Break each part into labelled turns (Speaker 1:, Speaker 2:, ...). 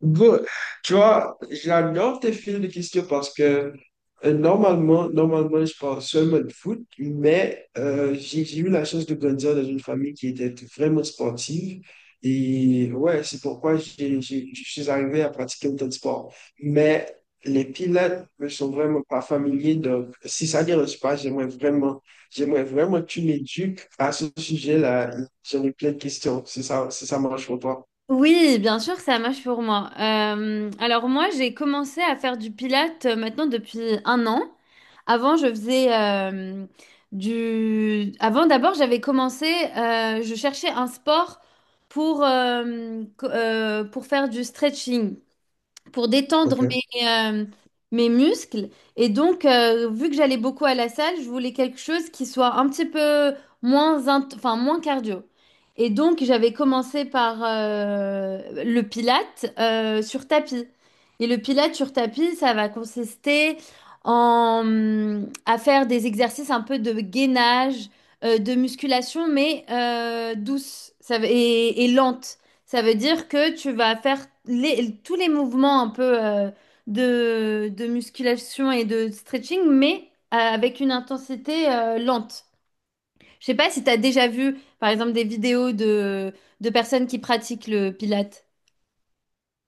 Speaker 1: Bon, tu vois, j'adore tes films de questions parce que normalement, je parle seulement de foot, mais j'ai eu la chance de grandir dans une famille qui était vraiment sportive. Et ouais, c'est pourquoi je suis arrivé à pratiquer autant de sport. Mais les pilotes ne sont vraiment pas familiers. Donc, si ça ne dérange pas, j'aimerais vraiment que tu m'éduques à ce sujet-là. J'en ai plein de questions. C'est ça marche pour toi.
Speaker 2: Oui, bien sûr, ça marche pour moi. Alors moi, j'ai commencé à faire du pilates maintenant depuis un an. Avant, je faisais Avant, d'abord, je cherchais un sport pour, pour faire du stretching pour détendre mes muscles. Et donc, vu que j'allais beaucoup à la salle, je voulais quelque chose qui soit un petit peu moins cardio. Et donc, j'avais commencé par le pilate sur tapis. Et le pilate sur tapis, ça va consister à faire des exercices un peu de gainage, de musculation, mais douce et lente. Ça veut dire que tu vas tous les mouvements un peu de musculation et de stretching, mais avec une intensité lente. Je sais pas si tu as déjà vu, par exemple, des vidéos de personnes qui pratiquent le pilate.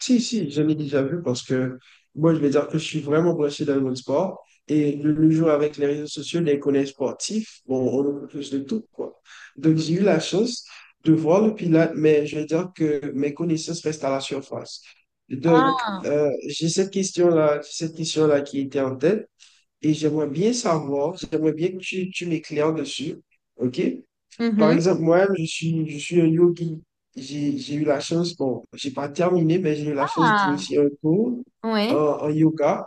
Speaker 1: Si, si, j'en ai déjà vu parce que moi, je vais dire que je suis vraiment branché dans le monde sport. Et le jour avec les réseaux sociaux, les collèges sportifs, bon, on a plus de tout, quoi. Donc, j'ai eu la chance de voir le Pilates, mais je vais dire que mes connaissances restent à la surface. Donc,
Speaker 2: Ah,
Speaker 1: j'ai cette question-là qui était en tête et j'aimerais bien savoir, j'aimerais bien que tu m'éclaires dessus, OK? Par
Speaker 2: mhm.
Speaker 1: exemple, moi-même, je suis un yogi. J'ai eu la chance, bon, j'ai pas terminé, mais j'ai eu la chance
Speaker 2: Ah,
Speaker 1: d'initier un cours
Speaker 2: ouais,
Speaker 1: en yoga.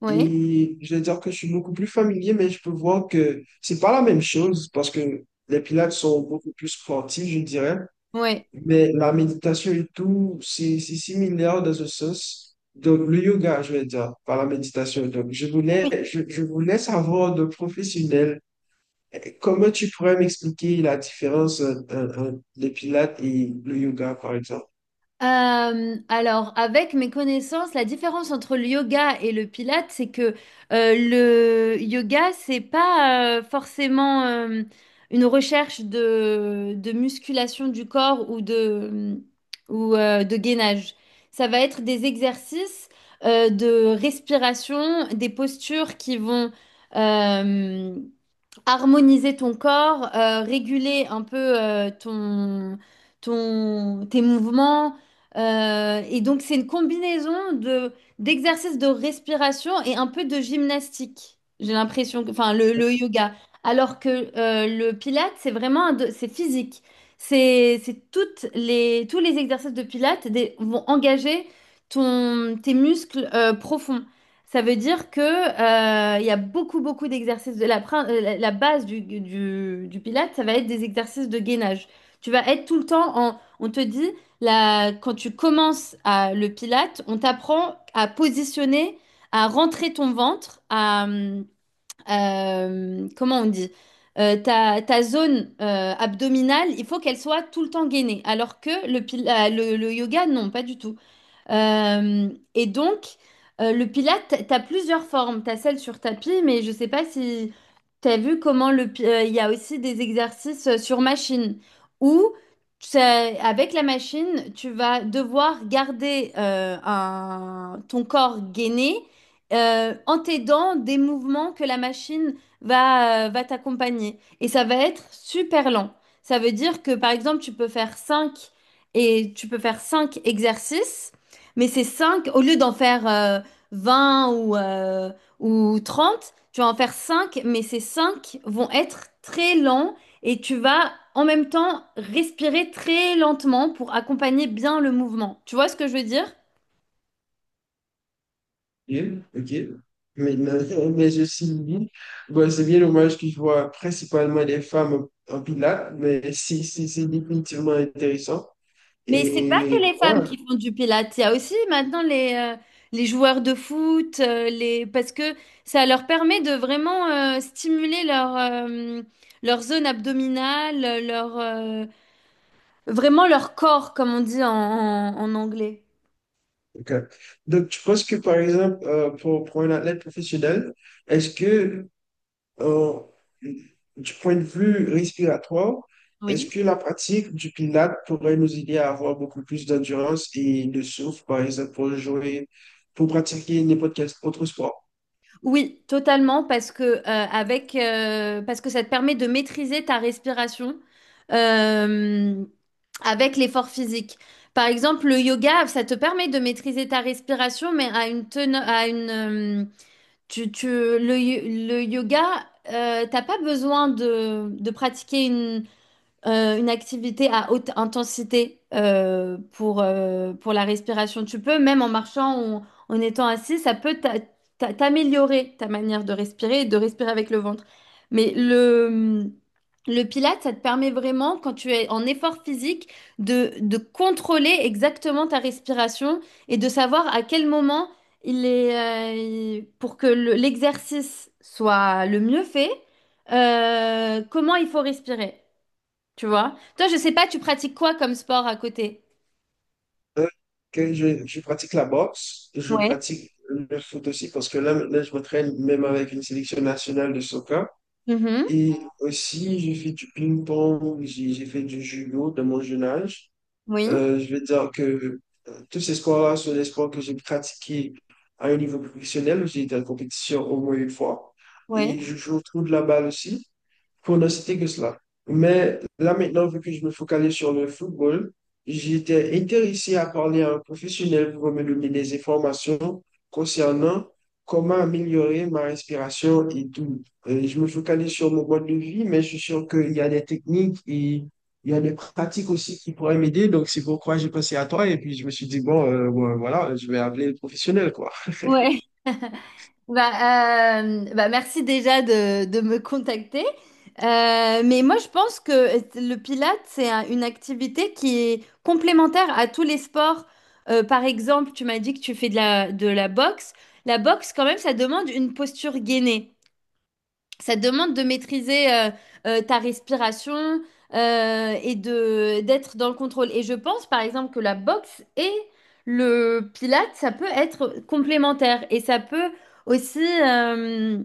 Speaker 2: ouais,
Speaker 1: Et je vais dire que je suis beaucoup plus familier, mais je peux voir que c'est pas la même chose parce que les pilates sont beaucoup plus sportifs, je dirais.
Speaker 2: ouais.
Speaker 1: Mais la méditation et tout, c'est similaire dans ce sens. Donc, le yoga, je vais dire, par la méditation. Donc, je voulais savoir de professionnels. Comment tu pourrais m'expliquer la différence entre les pilates et le yoga, par exemple?
Speaker 2: Alors, avec mes connaissances, la différence entre le yoga et le pilate, c'est que le yoga, c'est pas forcément une recherche de musculation du corps ou de gainage. Ça va être des exercices de respiration, des postures qui vont, euh, harmoniser ton corps, réguler un peu ton, tes mouvements. Et donc, c'est une combinaison d'exercices de respiration et un peu de gymnastique. J'ai l'impression que, le yoga. Alors que le pilates, c'est vraiment c'est physique. C'est toutes les, tous les exercices de pilates vont engager tes muscles profonds. Ça veut dire que, il y a beaucoup d'exercices. De la, prin- la la base du Pilate, ça va être des exercices de gainage. Tu vas être tout le temps en. On te dit, là, quand tu commences à, le Pilate, on t'apprend à positionner, à rentrer ton ventre, à. Comment on dit? Ta zone abdominale, il faut qu'elle soit tout le temps gainée. Alors que le yoga, non, pas du tout. Euh, et donc, le Pilate, tu as plusieurs formes. Tu as celle sur tapis, mais je ne sais pas si tu as vu comment il y a aussi des exercices sur machine où c'est- avec la machine, tu vas devoir garder ton corps gainé en t'aidant des mouvements que la machine va t'accompagner. Et ça va être super lent. Ça veut dire que, par exemple, tu peux faire 5 et tu peux faire 5 exercices. Mais c'est cinq, au lieu d'en faire 20 ou 30, tu vas en faire cinq, mais ces 5 vont être très lents et tu vas en même temps respirer très lentement pour accompagner bien le mouvement. Tu vois ce que je veux dire?
Speaker 1: Ok, ok. Maintenant, mais je suis dit, bon, c'est bien dommage que je vois principalement des femmes en pilates, mais si, si, c'est définitivement intéressant.
Speaker 2: Mais c'est pas que
Speaker 1: Et
Speaker 2: les
Speaker 1: ouais,
Speaker 2: femmes qui font du pilates, il y a aussi maintenant les joueurs de foot, les... parce que ça leur permet de vraiment stimuler leur zone abdominale, leur... vraiment leur corps, comme on dit en anglais.
Speaker 1: ok. Donc, tu penses que, par exemple, pour un athlète professionnel, est-ce que Euh, du point de vue respiratoire, est-ce
Speaker 2: Oui.
Speaker 1: que la pratique du Pilates pourrait nous aider à avoir beaucoup plus d'endurance et de souffle, par exemple, pour jouer, pour pratiquer n'importe quel autre sport?
Speaker 2: Oui, totalement, parce que, parce que ça te permet de maîtriser ta respiration euh, avec l'effort physique. Par exemple, le yoga, ça te permet de maîtriser ta respiration, mais à une teneur, à une, tu, tu- le, yo- le yoga, t'as pas besoin de pratiquer une activité à haute intensité pour la respiration. Tu peux, même en marchant ou en étant assis, ça peut t'améliorer ta manière de respirer et de respirer avec le ventre. Mais le, le Pilate, ça te permet vraiment, quand tu es en effort physique, de contrôler exactement ta respiration et de savoir à quel moment pour que l'exercice soit le mieux fait, comment il faut respirer. Tu vois? Toi, je sais pas, tu pratiques quoi comme sport à côté?
Speaker 1: Hein, que je pratique la boxe, je
Speaker 2: Ouais.
Speaker 1: pratique le foot aussi, parce que là, maintenant, je m'entraîne même avec une sélection nationale de soccer.
Speaker 2: Mhm.
Speaker 1: Et aussi, j'ai fait du ping-pong, j'ai fait du judo de mon jeune âge.
Speaker 2: Oui,
Speaker 1: Je veux dire que tous ces sports-là sont des sports que j'ai pratiqués à un niveau professionnel. J'ai été en compétition au moins une fois.
Speaker 2: oui.
Speaker 1: Et je joue au trou de la balle aussi, pour ne citer que cela. Mais là maintenant, vu que je me focalise sur le football, j'étais intéressé à parler à un professionnel pour me donner des informations concernant comment améliorer ma respiration et tout. Je me focalise sur mon mode de vie, mais je suis sûr qu'il y a des techniques et il y a des pratiques aussi qui pourraient m'aider. Donc, c'est pourquoi j'ai pensé à toi. Et puis, je me suis dit, bon, voilà, je vais appeler le professionnel, quoi,
Speaker 2: Ouais. Bah, merci déjà de me contacter. Mais moi, je pense que le Pilate, c'est une activité qui est complémentaire à tous les sports. Par exemple, tu m'as dit que tu fais de de la boxe. La boxe, quand même, ça demande une posture gainée. Ça te demande de maîtriser ta respiration et de d'être dans le contrôle. Et je pense, par exemple, que la boxe et le pilate, ça peut être complémentaire. Et ça peut aussi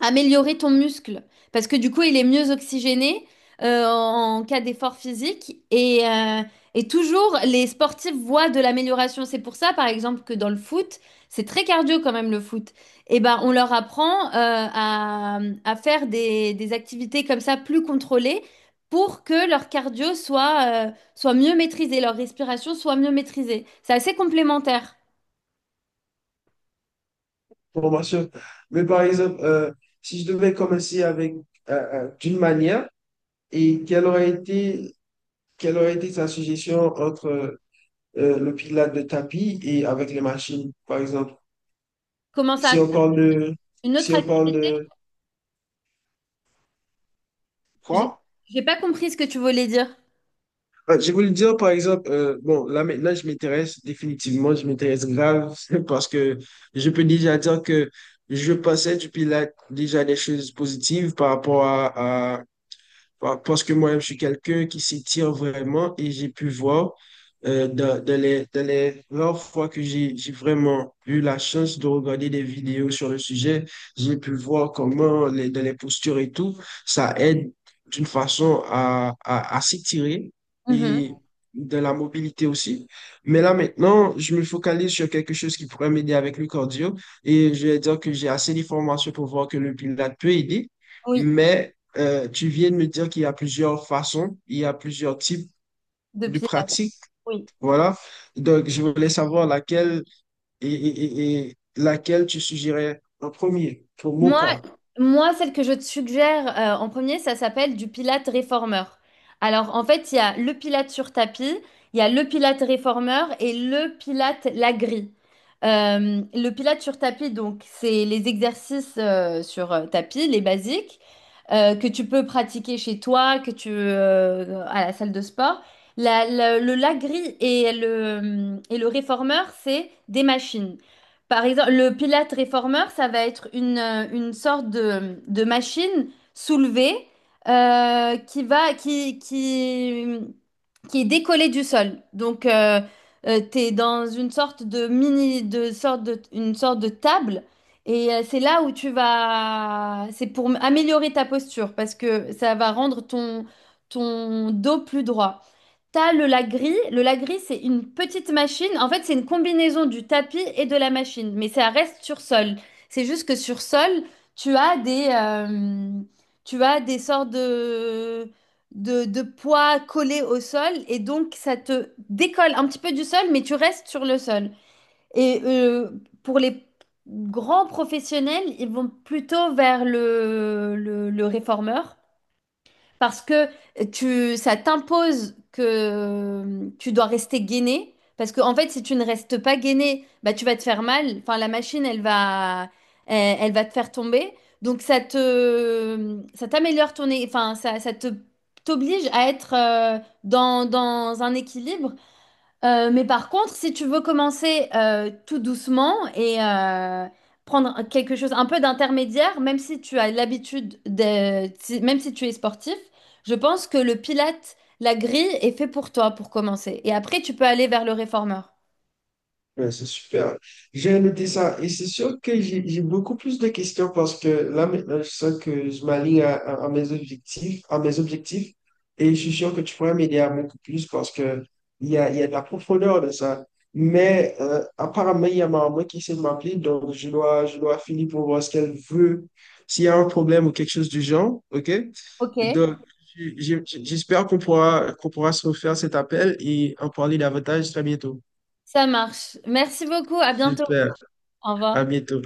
Speaker 2: améliorer ton muscle parce que du coup il est mieux oxygéné en cas d'effort physique et et toujours les sportifs voient de l'amélioration. C'est pour ça par exemple que dans le foot, c'est très cardio quand même le foot. Et ben on leur apprend à faire des activités comme ça plus contrôlées pour que leur cardio soit mieux maîtrisé, leur respiration soit mieux maîtrisée. C'est assez complémentaire.
Speaker 1: pour m'assurer. Mais par exemple, si je devais commencer avec d'une manière, et quelle aurait été, quelle aurait été ta suggestion entre le pilates de tapis et avec les machines, par exemple?
Speaker 2: Comment ça?
Speaker 1: Si on parle de,
Speaker 2: Une
Speaker 1: si
Speaker 2: autre
Speaker 1: on parle
Speaker 2: activité?
Speaker 1: de
Speaker 2: J'ai
Speaker 1: quoi?
Speaker 2: j'ai pas compris ce que tu voulais dire.
Speaker 1: Ah, je voulais dire, par exemple, bon, là maintenant, je m'intéresse grave, parce que je peux déjà dire que je pensais du Pilates déjà des choses positives par rapport à parce que moi-même, je suis quelqu'un qui s'étire vraiment et j'ai pu voir dans les rares fois que j'ai vraiment eu la chance de regarder des vidéos sur le sujet, j'ai pu voir comment dans les postures et tout, ça aide d'une façon à s'étirer
Speaker 2: Mhm.
Speaker 1: et de la mobilité aussi. Mais là maintenant, je me focalise sur quelque chose qui pourrait m'aider avec le cardio et je vais dire que j'ai assez d'informations pour voir que le pilote peut aider.
Speaker 2: Oui,
Speaker 1: Mais tu viens de me dire qu'il y a plusieurs façons, il y a plusieurs types
Speaker 2: de
Speaker 1: de
Speaker 2: Pilates.
Speaker 1: pratiques,
Speaker 2: Oui.
Speaker 1: voilà. Donc, je voulais savoir laquelle et laquelle tu suggérais en premier pour mon
Speaker 2: Moi,
Speaker 1: cas.
Speaker 2: moi, celle que je te suggère en premier, ça s'appelle du Pilate réformeur. Alors, en fait, il y a le Pilate sur tapis, il y a le Pilate réformeur et le Pilate la grille. Le Pilate sur tapis, donc, c'est les exercices sur tapis, les basiques, que tu peux pratiquer chez toi, que tu à la salle de sport. La- la- le la grille et le réformeur, c'est des machines. Par exemple, le Pilate réformeur, ça va être une sorte de machine soulevée qui va, qui est décollée du sol. Donc, tu es dans une sorte de mini, de sorte de, une sorte de table. Et c'est là où tu vas, c'est pour améliorer ta posture parce que ça va rendre ton dos plus droit. T'as le lagris. Le lagris, c'est une petite machine. En fait, c'est une combinaison du tapis et de la machine, mais ça reste sur sol. C'est juste que sur sol, tu as tu as des sortes de poids collés au sol et donc ça te décolle un petit peu du sol, mais tu restes sur le sol. Et pour les grands professionnels, ils vont plutôt vers le réformeur parce que ça t'impose que tu dois rester gainé. Parce que, en fait, si tu ne restes pas gainé, bah, tu vas te faire mal. Enfin, la machine, elle va te faire tomber. Donc, ça t'améliore ton, é- enfin, ça te, t'oblige à être dans un équilibre mais par contre, si tu veux commencer tout doucement et prendre quelque chose un peu d'intermédiaire, même si tu as l'habitude de, même si tu es sportif, je pense que le pilate, la grille est fait pour toi pour commencer. Et après, tu peux aller vers le réformeur.
Speaker 1: Ouais, c'est super. J'ai noté ça et c'est sûr que j'ai beaucoup plus de questions parce que là maintenant je sens que je m'aligne à mes objectifs et je suis sûr que tu pourrais m'aider à beaucoup plus parce que il y a de la profondeur de ça. Mais apparemment il y a ma maman qui essaie de m'appeler donc je dois finir pour voir ce qu'elle veut, s'il y a un problème ou quelque chose du genre, ok?
Speaker 2: Ok.
Speaker 1: Donc j'espère qu'on pourra se refaire cet appel et en parler davantage très bientôt.
Speaker 2: Ça marche. Merci beaucoup. À bientôt.
Speaker 1: Super.
Speaker 2: Au
Speaker 1: À
Speaker 2: revoir.
Speaker 1: bientôt.